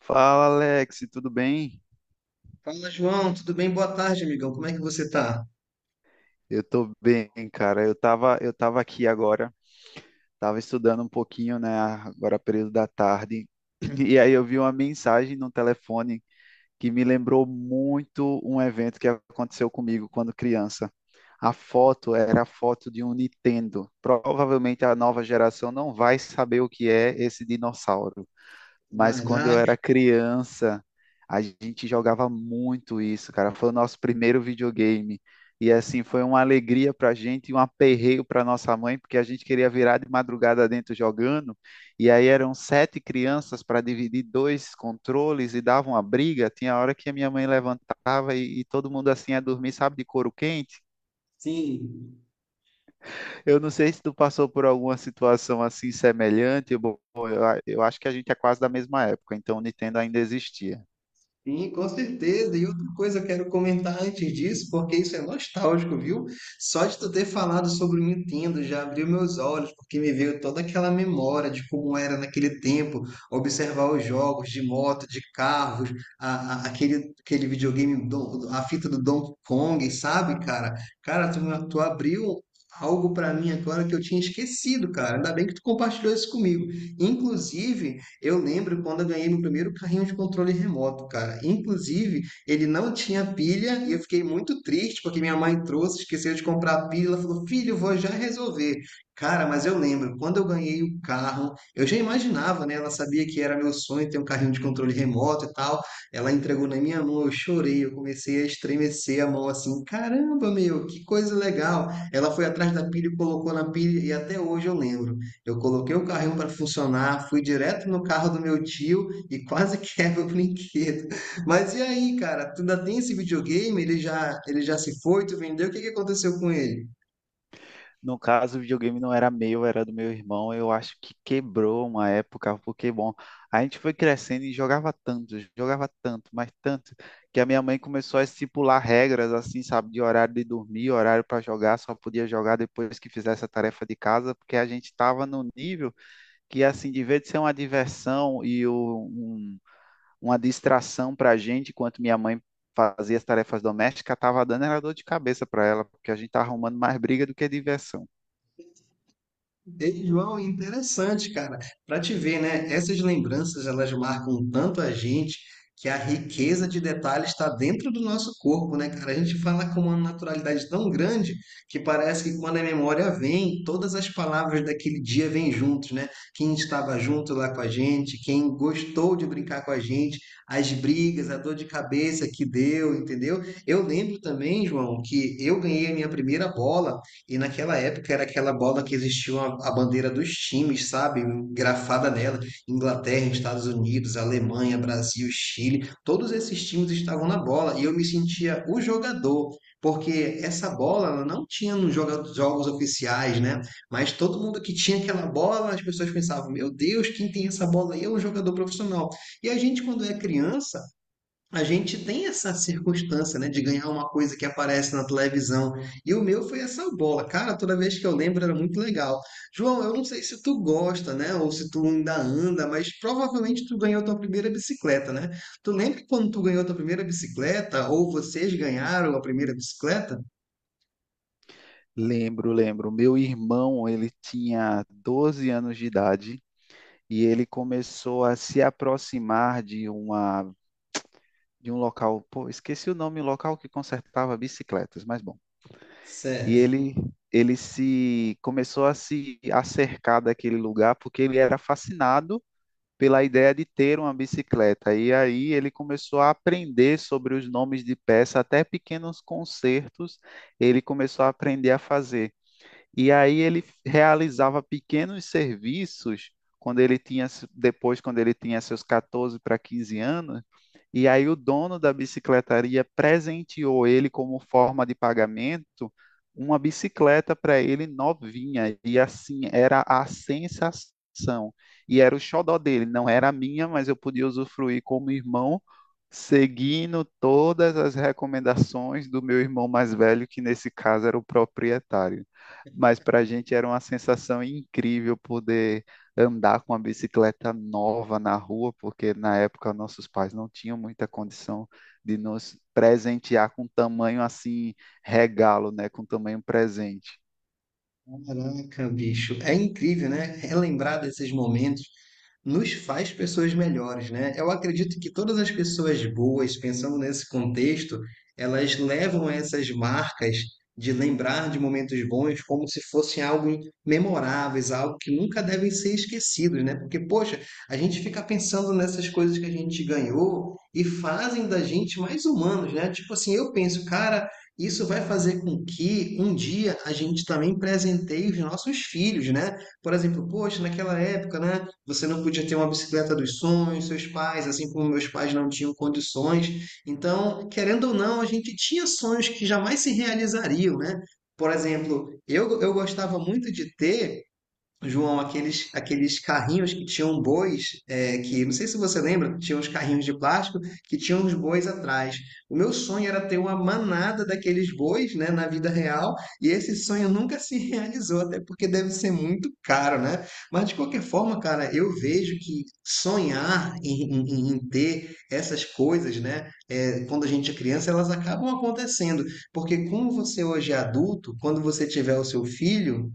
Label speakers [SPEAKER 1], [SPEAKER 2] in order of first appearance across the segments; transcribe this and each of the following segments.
[SPEAKER 1] Fala, Alex, tudo bem?
[SPEAKER 2] Fala, João, tudo bem? Boa tarde, amigão. Como é que você tá?
[SPEAKER 1] Eu tô bem, cara. Eu tava aqui agora, tava estudando um pouquinho, né, agora período da tarde, e aí eu vi uma mensagem no telefone que me lembrou muito um evento que aconteceu comigo quando criança. A foto era a foto de um Nintendo. Provavelmente a nova geração não vai saber o que é esse dinossauro. Mas quando eu
[SPEAKER 2] Caraca.
[SPEAKER 1] era criança, a gente jogava muito isso, cara. Foi o nosso primeiro videogame. E assim, foi uma alegria pra gente e um aperreio pra nossa mãe, porque a gente queria virar de madrugada dentro jogando. E aí eram sete crianças para dividir dois controles e dava uma briga. Tinha hora que a minha mãe levantava e todo mundo assim ia dormir, sabe, de couro quente.
[SPEAKER 2] Sim.
[SPEAKER 1] Eu não sei se tu passou por alguma situação assim semelhante. Bom, eu acho que a gente é quase da mesma época, então o Nintendo ainda existia.
[SPEAKER 2] Sim, com certeza. E outra coisa eu quero comentar antes disso, porque isso é nostálgico, viu? Só de tu ter falado sobre o Nintendo já abriu meus olhos, porque me veio toda aquela memória de como era naquele tempo observar os jogos de moto, de carros, aquele videogame, a fita do Donkey Kong, sabe, cara? Cara, tu, tu abriu algo pra mim agora que eu tinha esquecido, cara. Ainda bem que tu compartilhou isso comigo. Inclusive, eu lembro quando eu ganhei meu primeiro carrinho de controle remoto, cara. Inclusive, ele não tinha pilha e eu fiquei muito triste porque minha mãe trouxe, esqueceu de comprar a pilha. Ela falou: filho, eu vou já resolver. Cara, mas eu lembro, quando eu ganhei o carro, eu já imaginava, né? Ela sabia que era meu sonho ter um carrinho de controle remoto e tal. Ela entregou na minha mão, eu chorei, eu comecei a estremecer a mão assim: caramba, meu, que coisa legal. Ela foi atrás da pilha e colocou na pilha, e até hoje eu lembro. Eu coloquei o carrinho para funcionar, fui direto no carro do meu tio e quase quebra o brinquedo. Mas e aí, cara? Tu ainda tem esse videogame? Ele já se foi? Tu vendeu? O que que aconteceu com ele?
[SPEAKER 1] No caso, o videogame não era meu, era do meu irmão. Eu acho que quebrou uma época, porque, bom, a gente foi crescendo e jogava tanto, mas tanto, que a minha mãe começou a estipular regras, assim, sabe, de horário de dormir, horário para jogar, só podia jogar depois que fizesse a tarefa de casa, porque a gente estava no nível que, assim, de vez de ser uma diversão e uma distração para a gente, enquanto minha mãe fazia as tarefas domésticas, estava dando era dor de cabeça para ela, porque a gente estava arrumando mais briga do que diversão.
[SPEAKER 2] Ei, João, interessante, cara. Para te ver, né? Essas lembranças elas marcam tanto a gente que a riqueza de detalhes está dentro do nosso corpo, né, cara? A gente fala com uma naturalidade tão grande que parece que quando a memória vem, todas as palavras daquele dia vêm juntos, né? Quem estava junto lá com a gente, quem gostou de brincar com a gente, as brigas, a dor de cabeça que deu, entendeu? Eu lembro também, João, que eu ganhei a minha primeira bola. E naquela época era aquela bola que existia uma a bandeira dos times, sabe? Grafada nela. Inglaterra, Estados Unidos, Alemanha, Brasil, Chile. Todos esses times estavam na bola e eu me sentia o jogador. Porque essa bola ela não tinha nos jogos oficiais, né? Mas todo mundo que tinha aquela bola, as pessoas pensavam: meu Deus, quem tem essa bola aí é um jogador profissional. E a gente, quando é criança, a gente tem essa circunstância, né, de ganhar uma coisa que aparece na televisão. E o meu foi essa bola. Cara, toda vez que eu lembro era muito legal. João, eu não sei se tu gosta, né, ou se tu ainda anda, mas provavelmente tu ganhou tua primeira bicicleta, né? Tu lembra quando tu ganhou tua primeira bicicleta ou vocês ganharam a primeira bicicleta?
[SPEAKER 1] Lembro, lembro. Meu irmão, ele tinha 12 anos de idade e ele começou a se aproximar de uma, de um local, pô, esqueci o nome, um local que consertava bicicletas, mas bom. E
[SPEAKER 2] Certo.
[SPEAKER 1] ele se começou a se acercar daquele lugar porque ele era fascinado pela ideia de ter uma bicicleta. E aí ele começou a aprender sobre os nomes de peça, até pequenos consertos ele começou a aprender a fazer. E aí ele realizava pequenos serviços quando ele tinha, depois, quando ele tinha seus 14 para 15 anos, e aí o dono da bicicletaria presenteou ele como forma de pagamento uma bicicleta para ele novinha, e assim era a sensação. E era o xodó dele, não era a minha, mas eu podia usufruir como irmão, seguindo todas as recomendações do meu irmão mais velho, que nesse caso era o proprietário. Mas para a gente era uma sensação incrível poder andar com uma bicicleta nova na rua, porque na época nossos pais não tinham muita condição de nos presentear com tamanho assim, regalo, né, com tamanho presente.
[SPEAKER 2] Caraca, bicho, é incrível, né? Relembrar desses momentos nos faz pessoas melhores, né? Eu acredito que todas as pessoas boas, pensando nesse contexto, elas levam essas marcas de lembrar de momentos bons como se fossem algo memoráveis, algo que nunca devem ser esquecidos, né? Porque, poxa, a gente fica pensando nessas coisas que a gente ganhou e fazem da gente mais humanos, né? Tipo assim, eu penso, cara, isso vai fazer com que um dia a gente também presenteie os nossos filhos, né? Por exemplo, poxa, naquela época, né, você não podia ter uma bicicleta dos sonhos, seus pais, assim como meus pais não tinham condições. Então, querendo ou não, a gente tinha sonhos que jamais se realizariam, né? Por exemplo, eu gostava muito de ter, João, aqueles carrinhos que tinham bois, é, que não sei se você lembra, tinham os carrinhos de plástico que tinham os bois atrás. O meu sonho era ter uma manada daqueles bois, né, na vida real, e esse sonho nunca se realizou, até porque deve ser muito caro, né? Mas de qualquer forma, cara, eu vejo que sonhar em ter essas coisas, né, é, quando a gente é criança, elas acabam acontecendo, porque como você hoje é adulto, quando você tiver o seu filho,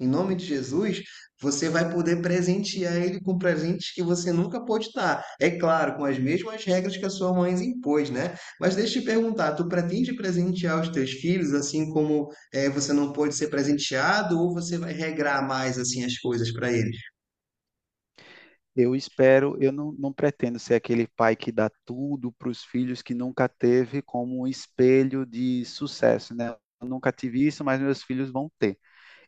[SPEAKER 2] em nome de Jesus, você vai poder presentear ele com presentes que você nunca pôde dar. É claro, com as mesmas regras que a sua mãe impôs, né? Mas deixa eu te perguntar, tu pretende presentear os teus filhos assim como você não pôde ser presenteado, ou você vai regrar mais assim as coisas para eles?
[SPEAKER 1] Eu espero, eu não, não pretendo ser aquele pai que dá tudo para os filhos que nunca teve como um espelho de sucesso, né? Eu nunca tive isso, mas meus filhos vão ter.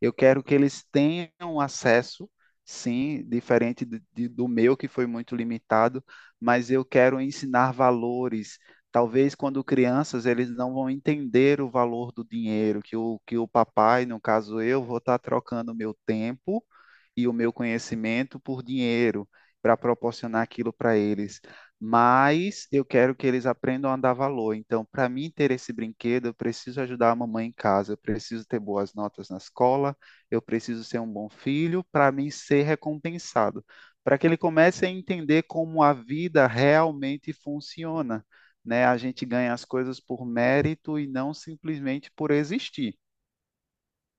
[SPEAKER 1] Eu quero que eles tenham acesso, sim, diferente do meu, que foi muito limitado, mas eu quero ensinar valores. Talvez quando crianças eles não vão entender o valor do dinheiro, que o papai, no caso eu, vou estar trocando meu tempo e o meu conhecimento por dinheiro para proporcionar aquilo para eles, mas eu quero que eles aprendam a dar valor. Então, para mim ter esse brinquedo, eu preciso ajudar a mamãe em casa, eu preciso ter boas notas na escola, eu preciso ser um bom filho para mim ser recompensado, para que ele comece a entender como a vida realmente funciona, né? A gente ganha as coisas por mérito e não simplesmente por existir.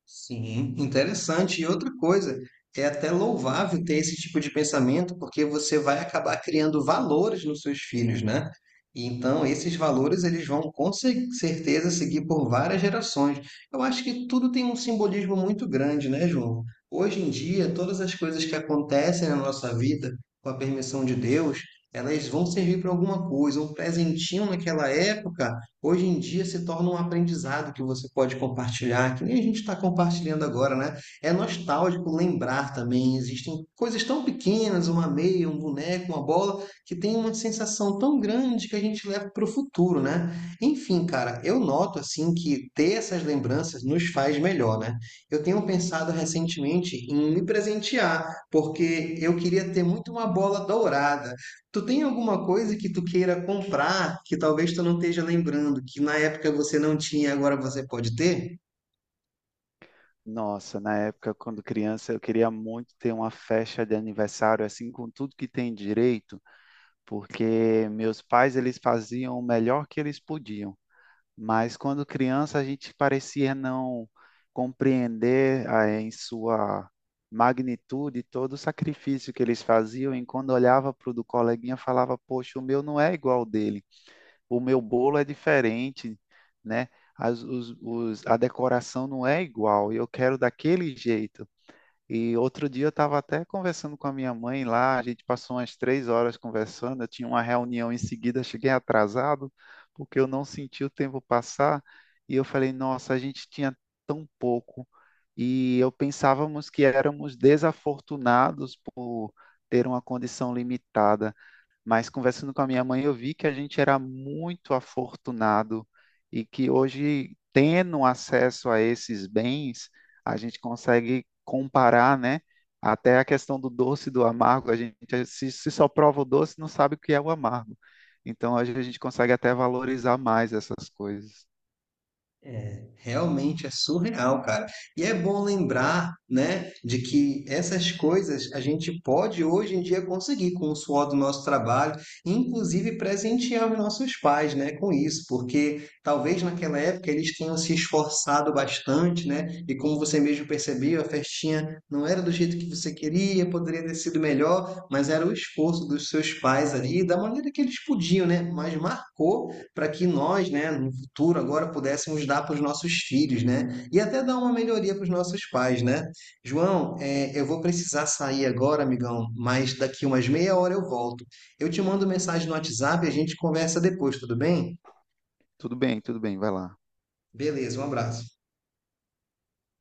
[SPEAKER 2] Sim, interessante. E outra coisa, é até louvável ter esse tipo de pensamento, porque você vai acabar criando valores nos seus filhos, né? E então, esses valores eles vão com certeza seguir por várias gerações. Eu acho que tudo tem um simbolismo muito grande, né, João? Hoje em dia, todas as coisas que acontecem na nossa vida, com a permissão de Deus, elas vão servir para alguma coisa. Um presentinho naquela época hoje em dia se torna um aprendizado que você pode compartilhar, que nem a gente está compartilhando agora, né? É nostálgico lembrar também. Existem coisas tão pequenas, uma meia, um boneco, uma bola, que tem uma sensação tão grande que a gente leva para o futuro, né? Enfim, cara, eu noto assim que ter essas lembranças nos faz melhor, né? Eu tenho pensado recentemente em me presentear, porque eu queria ter muito uma bola dourada. Tu tem alguma coisa que tu queira comprar que talvez tu não esteja lembrando, que na época você não tinha, agora você pode ter?
[SPEAKER 1] Nossa, na época, quando criança, eu queria muito ter uma festa de aniversário, assim, com tudo que tem direito, porque meus pais, eles faziam o melhor que eles podiam. Mas quando criança, a gente parecia não compreender, ah, em sua magnitude todo o sacrifício que eles faziam, e quando olhava para o do coleguinha, falava, poxa, o meu não é igual ao dele, o meu bolo é diferente, né? A decoração não é igual, e eu quero daquele jeito. E outro dia eu estava até conversando com a minha mãe lá, a gente passou umas 3 horas conversando, eu tinha uma reunião em seguida, cheguei atrasado, porque eu não senti o tempo passar, e eu falei, nossa, a gente tinha tão pouco, e eu pensávamos que éramos desafortunados por ter uma condição limitada. Mas conversando com a minha mãe, eu vi que a gente era muito afortunado e que hoje, tendo acesso a esses bens, a gente consegue comparar, né? Até a questão do doce e do amargo, a gente se só prova o doce, não sabe o que é o amargo. Então, hoje a gente consegue até valorizar mais essas coisas.
[SPEAKER 2] É, realmente é surreal, cara. E é bom lembrar, né, de que essas coisas a gente pode hoje em dia conseguir com o suor do nosso trabalho, inclusive presentear os nossos pais, né, com isso, porque talvez naquela época eles tenham se esforçado bastante, né, e como você mesmo percebeu, a festinha não era do jeito que você queria, poderia ter sido melhor, mas era o esforço dos seus pais ali, da maneira que eles podiam, né, mas marcou para que nós, né, no futuro agora pudéssemos dar para os nossos filhos, né? E até dar uma melhoria para os nossos pais, né? João, é, eu vou precisar sair agora, amigão, mas daqui umas meia hora eu volto. Eu te mando mensagem no WhatsApp e a gente conversa depois, tudo bem?
[SPEAKER 1] Tudo bem, vai lá.
[SPEAKER 2] Beleza, um abraço.